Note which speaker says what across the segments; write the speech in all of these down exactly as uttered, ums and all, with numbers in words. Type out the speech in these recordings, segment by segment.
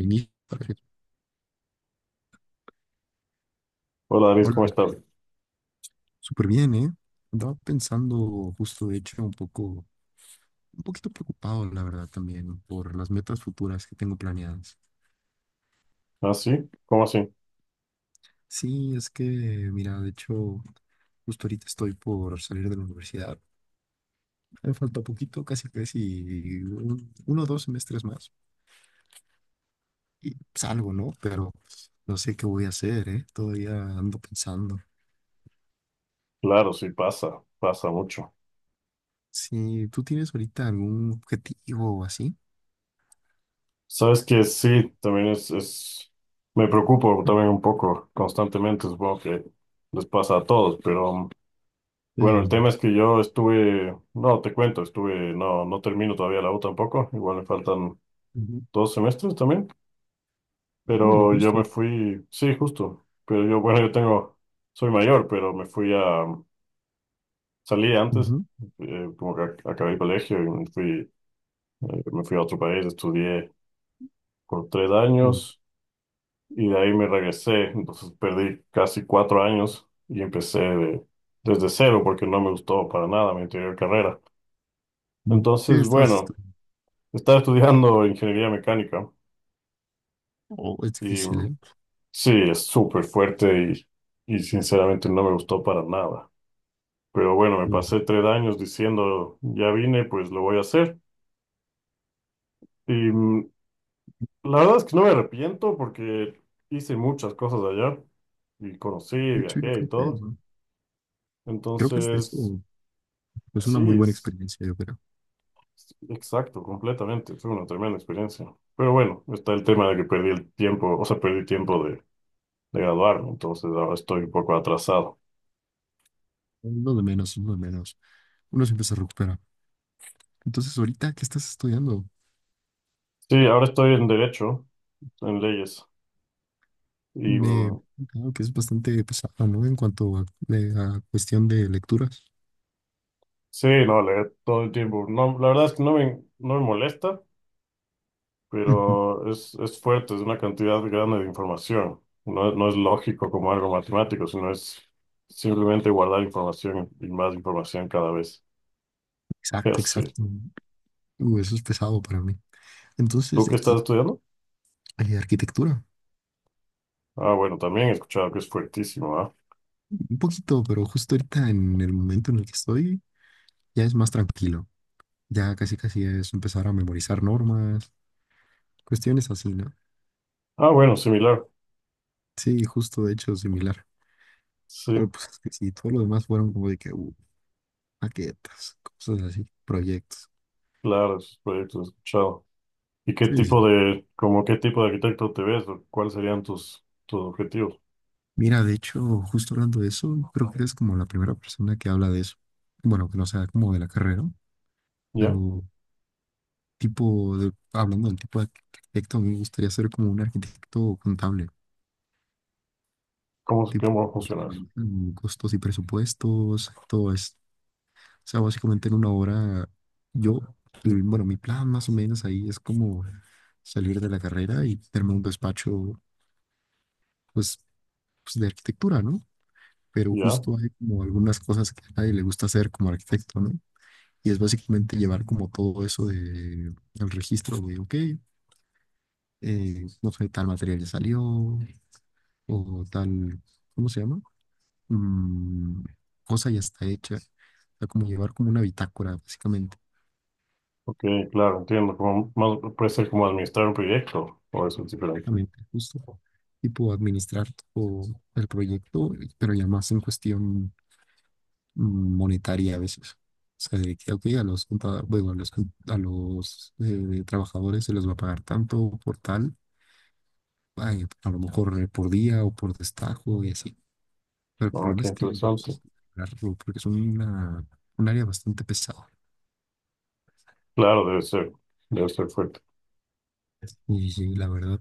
Speaker 1: Inicio, perfecto.
Speaker 2: Hola, David, ¿cómo
Speaker 1: Hola,
Speaker 2: estás?
Speaker 1: súper bien, ¿eh? Andaba pensando justo, de hecho, un poco, un poquito preocupado, la verdad, también por las metas futuras que tengo planeadas.
Speaker 2: ¿Ah, sí? ¿Cómo así?
Speaker 1: Sí, es que, mira, de hecho, justo ahorita estoy por salir de la universidad. Me falta poquito, casi casi un- uno o dos semestres más y salgo, ¿no? Pero no sé qué voy a hacer, ¿eh? Todavía ando pensando.
Speaker 2: Claro, sí, pasa, pasa mucho.
Speaker 1: Si tú tienes ahorita algún objetivo o así.
Speaker 2: Sabes que sí, también es, es, me preocupo también un poco constantemente, supongo que les pasa a todos, pero bueno, el
Speaker 1: Eh,
Speaker 2: tema es que yo estuve, no, te cuento, estuve, no, no termino todavía la U tampoco, igual me faltan
Speaker 1: Ujú.
Speaker 2: dos semestres también,
Speaker 1: Oh,
Speaker 2: pero yo me
Speaker 1: justo.
Speaker 2: fui, sí, justo, pero yo, bueno, yo tengo, soy mayor, pero me fui a, salí antes,
Speaker 1: Ujú.
Speaker 2: eh, como que ac- acabé el colegio y me fui. Eh, me fui a otro país, estudié por tres
Speaker 1: Oh.
Speaker 2: años y de ahí me regresé. Entonces perdí casi cuatro años y empecé de- desde cero porque no me gustó para nada mi anterior carrera.
Speaker 1: No, ¿qué
Speaker 2: Entonces,
Speaker 1: estabas
Speaker 2: bueno,
Speaker 1: estudiando?
Speaker 2: estaba estudiando ingeniería mecánica
Speaker 1: Oh, es
Speaker 2: y
Speaker 1: difícil,
Speaker 2: mm,
Speaker 1: ¿eh?
Speaker 2: sí, es súper fuerte y, y sinceramente no me gustó para nada. Pero bueno, me
Speaker 1: Sí.
Speaker 2: pasé tres años diciendo, ya vine, pues lo voy a hacer. Y mm, La verdad es que no me arrepiento porque hice muchas cosas allá y conocí,
Speaker 1: De hecho, yo
Speaker 2: viajé y
Speaker 1: creo que
Speaker 2: todo.
Speaker 1: eso, creo que es de eso.
Speaker 2: Entonces,
Speaker 1: Es una
Speaker 2: sí,
Speaker 1: muy buena
Speaker 2: es
Speaker 1: experiencia, yo creo.
Speaker 2: es exacto, completamente. Fue una tremenda experiencia. Pero bueno, está el tema de que perdí el tiempo, o sea, perdí tiempo de, de graduarme, entonces ahora estoy un poco atrasado.
Speaker 1: Uno de menos, uno de menos. Uno siempre se recupera. Entonces, ahorita, ¿qué estás estudiando?
Speaker 2: Sí, ahora estoy en derecho, en leyes. Y
Speaker 1: Me
Speaker 2: mm,
Speaker 1: Creo que es bastante pesado, ¿no? En cuanto a, de- a cuestión de lecturas.
Speaker 2: sí, no, leer todo el tiempo. No, la verdad es que no me, no me molesta.
Speaker 1: Ujú,
Speaker 2: Pero es, es fuerte, es una cantidad grande de información. No, no es lógico como algo matemático, sino es simplemente guardar información y más información cada vez. Ya
Speaker 1: exacto,
Speaker 2: sé.
Speaker 1: exacto. Uh, eso es pesado para mí. Entonces,
Speaker 2: ¿Tú
Speaker 1: de
Speaker 2: qué estás
Speaker 1: aquí,
Speaker 2: estudiando?
Speaker 1: eh, arquitectura.
Speaker 2: Ah, bueno, también he escuchado que es fuertísimo, ¿ah?
Speaker 1: Un poquito, pero justo ahorita, en el momento en el que estoy, ya es más tranquilo. Ya casi casi es empezar a memorizar normas. Cuestiones así, ¿no?
Speaker 2: Ah, bueno, similar.
Speaker 1: Sí, justo de hecho similar.
Speaker 2: Sí,
Speaker 1: Pero pues es que sí, todo lo demás fueron como de que uh, maquetas, cosas así, proyectos.
Speaker 2: claro, esos proyectos he escuchado. ¿Y qué
Speaker 1: Sí, sí,
Speaker 2: tipo
Speaker 1: sí.
Speaker 2: de, como qué tipo de arquitecto te ves? ¿O cuáles serían tus, tus objetivos?
Speaker 1: Mira, de hecho, justo hablando de eso, creo que eres como la primera persona que habla de eso. Bueno, que no sea como de la carrera, ¿no?
Speaker 2: ¿Ya?
Speaker 1: Pero tipo de, hablando del tipo de arquitecto, a mí me gustaría ser como un arquitecto contable,
Speaker 2: ¿Cómo,
Speaker 1: tipo
Speaker 2: cómo
Speaker 1: pues,
Speaker 2: funciona eso?
Speaker 1: manejan costos y presupuestos, todo esto. O sea, básicamente en una hora, yo, el- bueno, mi plan más o menos ahí es como salir de la carrera y tenerme un despacho, pues, pues, de arquitectura, ¿no? Pero
Speaker 2: Ya,
Speaker 1: justo hay como algunas cosas que a nadie le gusta hacer como arquitecto, ¿no? Y es básicamente llevar como todo eso de, el registro de, ok, eh, no sé, tal material ya salió o tal, ¿cómo se llama? Mm, Cosa ya está hecha. O sea, como llevar como una bitácora, básicamente.
Speaker 2: ok, claro, entiendo. Como, más, puede ser como administrar un proyecto, o eso es diferente.
Speaker 1: Exactamente, justo. Tipo administrar todo el proyecto, pero ya más en cuestión mm, monetaria a veces. O sea, de que, ok, a los, conta- bueno, a los, con- a los eh, trabajadores se les va a pagar tanto por tal, ay, a lo mejor eh, por día o por destajo y así. Pero el
Speaker 2: Ah,
Speaker 1: problema
Speaker 2: qué
Speaker 1: es que yo no sé
Speaker 2: interesante.
Speaker 1: si lograrlo, porque es una, un área bastante pesada.
Speaker 2: Claro, debe ser, debe ser fuerte.
Speaker 1: Y la verdad,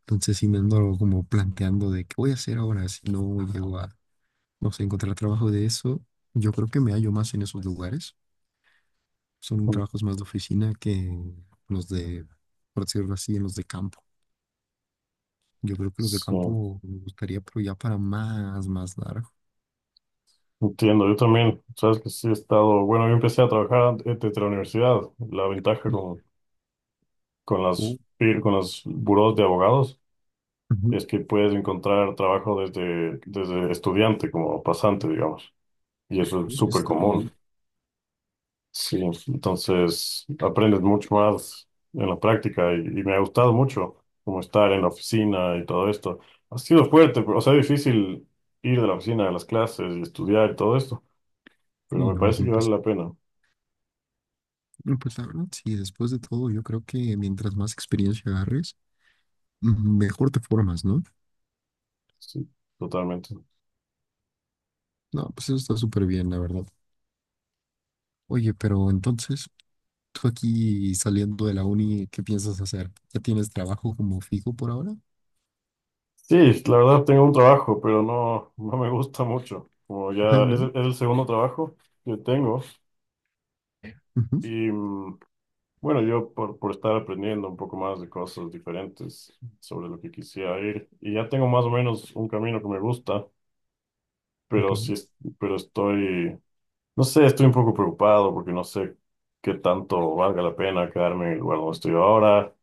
Speaker 1: entonces sí me ando como planteando de qué voy a hacer ahora si no llego a, no sé, encontrar trabajo de eso, yo creo que me hallo más en esos lugares. Son trabajos más de oficina que los de, por decirlo así, en los de campo. Yo creo que los de
Speaker 2: Sí,
Speaker 1: campo me gustaría, pero ya para más, más largo.
Speaker 2: entiendo. Yo también, sabes que sí he estado, bueno, yo empecé a trabajar an- eh, desde la universidad. La ventaja con, con
Speaker 1: Oh,
Speaker 2: las, fir- con los burós de abogados
Speaker 1: ujú,
Speaker 2: es que puedes encontrar trabajo desde, desde estudiante, como pasante, digamos. Y eso es
Speaker 1: sí, eso
Speaker 2: súper
Speaker 1: está muy bien.
Speaker 2: común. Sí, entonces aprendes mucho más en la práctica y, y me ha gustado mucho como estar en la oficina y todo esto. Ha sido fuerte, pero, o sea, difícil ir de la oficina a las clases y estudiar y todo esto,
Speaker 1: Sí,
Speaker 2: pero me
Speaker 1: no, es
Speaker 2: parece
Speaker 1: muy
Speaker 2: que vale
Speaker 1: pesado.
Speaker 2: la pena.
Speaker 1: No, pues la verdad, sí, después de todo, yo creo que mientras más experiencia agarres, mm, mejor te formas, ¿no?
Speaker 2: Sí, totalmente.
Speaker 1: No, pues eso está súper bien, la verdad. Oye, pero entonces, tú aquí saliendo de la uni, ¿qué piensas hacer? ¿Ya tienes trabajo como fijo por ahora?
Speaker 2: Sí, la verdad tengo un trabajo, pero no, no me gusta mucho. Como
Speaker 1: Ajá,
Speaker 2: ya es,
Speaker 1: ¿no?
Speaker 2: el es el segundo trabajo que tengo
Speaker 1: Ujú,
Speaker 2: y mm, bueno, yo por, por estar aprendiendo un poco más de cosas diferentes sobre lo que quisiera ir, y ya tengo más o menos un camino que me gusta,
Speaker 1: ok.
Speaker 2: pero sí, es- pero estoy, no sé, estoy un poco preocupado porque no sé qué tanto valga la pena quedarme en el lugar donde estoy ahora.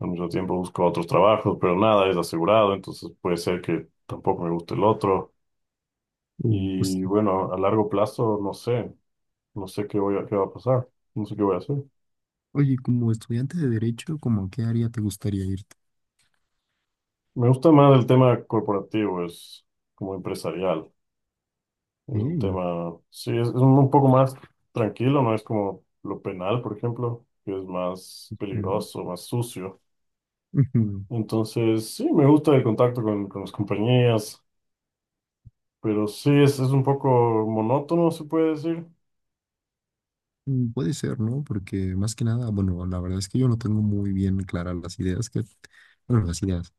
Speaker 2: Al mismo tiempo busco otros trabajos, pero nada es asegurado, entonces puede ser que tampoco me guste el otro.
Speaker 1: Uh, pues,
Speaker 2: Y bueno, a largo plazo, no sé, no sé qué voy a- qué va a pasar, no sé qué voy a hacer.
Speaker 1: oye, como estudiante de derecho, ¿cómo a qué área te gustaría irte?
Speaker 2: Me gusta más el tema corporativo, es como empresarial. Es un
Speaker 1: Eh,
Speaker 2: tema, sí, es, es un poco más tranquilo, no es como lo penal, por ejemplo, que es más
Speaker 1: mm,
Speaker 2: peligroso, más sucio.
Speaker 1: ujú,
Speaker 2: Entonces, sí, me gusta el contacto con, con las compañías, pero sí, es, es un poco monótono, se puede decir.
Speaker 1: mm, puede ser, ¿no? Porque más que nada, bueno, la verdad es que yo no tengo muy bien claras las ideas que, bueno, las ideas,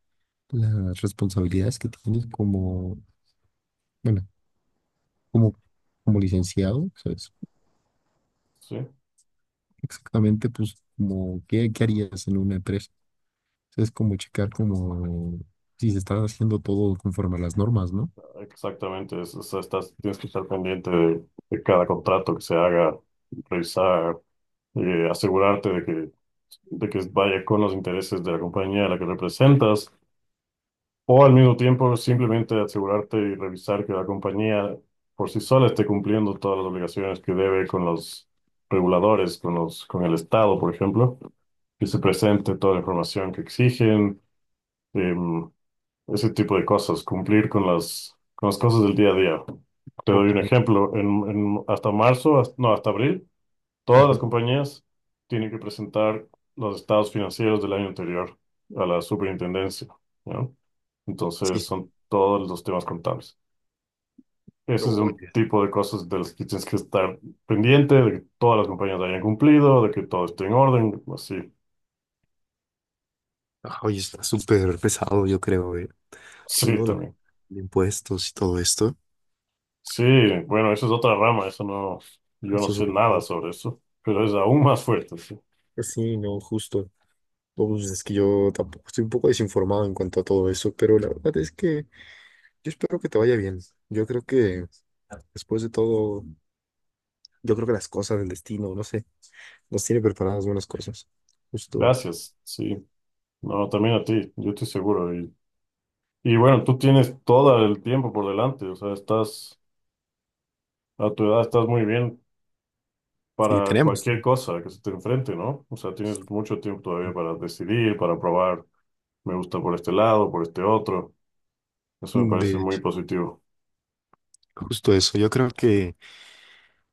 Speaker 1: las responsabilidades que tienes como, bueno, como, como licenciado, ¿sabes?
Speaker 2: Sí,
Speaker 1: Exactamente, pues, como, ¿qué, qué harías en una empresa? Es como checar como si se está haciendo todo conforme a las normas, ¿no?
Speaker 2: exactamente. Es- o sea, estás, tienes que estar pendiente de, de cada contrato que se haga, revisar, eh, asegurarte de que de que vaya con los intereses de la compañía a la que representas, o al mismo tiempo simplemente asegurarte y revisar que la compañía por sí sola esté cumpliendo todas las obligaciones que debe con los reguladores, con los, con el Estado, por ejemplo, que se presente toda la información que exigen, em, ese tipo de cosas, cumplir con las, con las cosas del día a día. Te doy
Speaker 1: Ok.
Speaker 2: un ejemplo, en, en- hasta marzo, hasta- no, hasta abril. Todas las compañías tienen que presentar los estados financieros del año anterior a la superintendencia, ¿no?
Speaker 1: Sí,
Speaker 2: Entonces,
Speaker 1: sí.
Speaker 2: son todos los temas contables.
Speaker 1: No,
Speaker 2: Ese es un
Speaker 1: oye.
Speaker 2: tipo de cosas de las que tienes que estar pendiente, de que todas las compañías hayan cumplido, de que todo esté en orden, así.
Speaker 1: Ah, oye, está súper pesado, yo creo, eh. Sí,
Speaker 2: Sí,
Speaker 1: ¿no? La-
Speaker 2: también.
Speaker 1: de impuestos y todo esto.
Speaker 2: Sí, bueno, eso es otra rama, eso no, yo no
Speaker 1: Esto es
Speaker 2: sé
Speaker 1: súper
Speaker 2: nada
Speaker 1: pesado.
Speaker 2: sobre eso, pero es aún más fuerte, sí.
Speaker 1: Pues sí, no, justo. No, pues es que yo tampoco estoy un poco desinformado en cuanto a todo eso, pero la verdad es que yo espero que te vaya bien. Yo creo que después de todo, yo creo que las cosas del destino, no sé, nos tiene preparadas buenas cosas. Justo.
Speaker 2: Gracias, sí. No, también a ti, yo estoy seguro. Y bueno, tú tienes todo el tiempo por delante, o sea, estás a tu edad, estás muy bien
Speaker 1: Sí,
Speaker 2: para
Speaker 1: tenemos.
Speaker 2: cualquier cosa que se te enfrente, ¿no? O sea, tienes mucho tiempo todavía para decidir, para probar, me gusta por este lado, por este otro. Eso me parece
Speaker 1: De
Speaker 2: muy positivo.
Speaker 1: Justo eso, yo creo que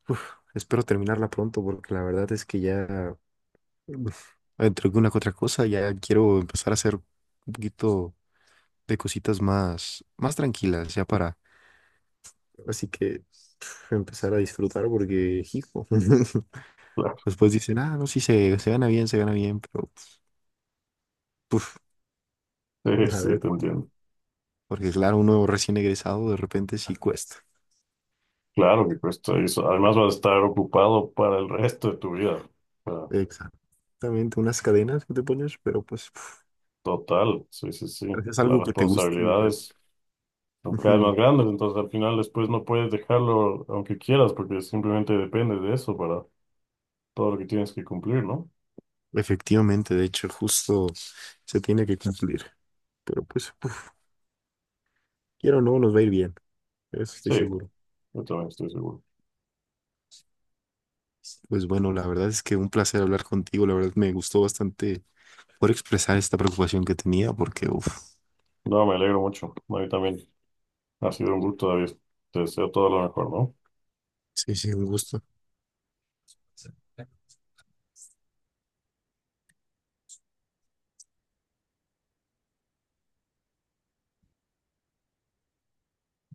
Speaker 1: uf, espero terminarla pronto porque la verdad es que ya uf, entre una que otra cosa ya quiero empezar a hacer un poquito de cositas más, más tranquilas ya para, así que uf, empezar a disfrutar porque hijo. Después dicen ah no sí se, se gana bien se gana bien pero uf,
Speaker 2: Claro, sí,
Speaker 1: a
Speaker 2: sí,
Speaker 1: ver
Speaker 2: te
Speaker 1: cuándo,
Speaker 2: entiendo.
Speaker 1: porque claro uno recién egresado de repente sí cuesta
Speaker 2: Claro que cuesta eso. Además, vas a estar ocupado para el resto de tu vida. O sea,
Speaker 1: exactamente unas cadenas que te pones pero pues uf,
Speaker 2: total, sí, sí, sí.
Speaker 1: gracias a
Speaker 2: Las
Speaker 1: algo que te guste yo creo.
Speaker 2: responsabilidades son cada vez más grandes, entonces al final después no puedes dejarlo aunque quieras, porque simplemente depende de eso para todo lo que tienes que cumplir, ¿no?
Speaker 1: Efectivamente, de hecho, justo se tiene que cumplir. Pero pues, uf, quiero o no, nos va a ir bien. Eso estoy
Speaker 2: Sí,
Speaker 1: seguro.
Speaker 2: yo también estoy seguro.
Speaker 1: Pues bueno, la verdad es que un placer hablar contigo. La verdad me gustó bastante poder expresar esta preocupación que tenía porque, uf,
Speaker 2: No, me alegro mucho. A mí también ha sido un gusto, David. Te deseo todo lo mejor, ¿no?
Speaker 1: sí, sí, un gusto.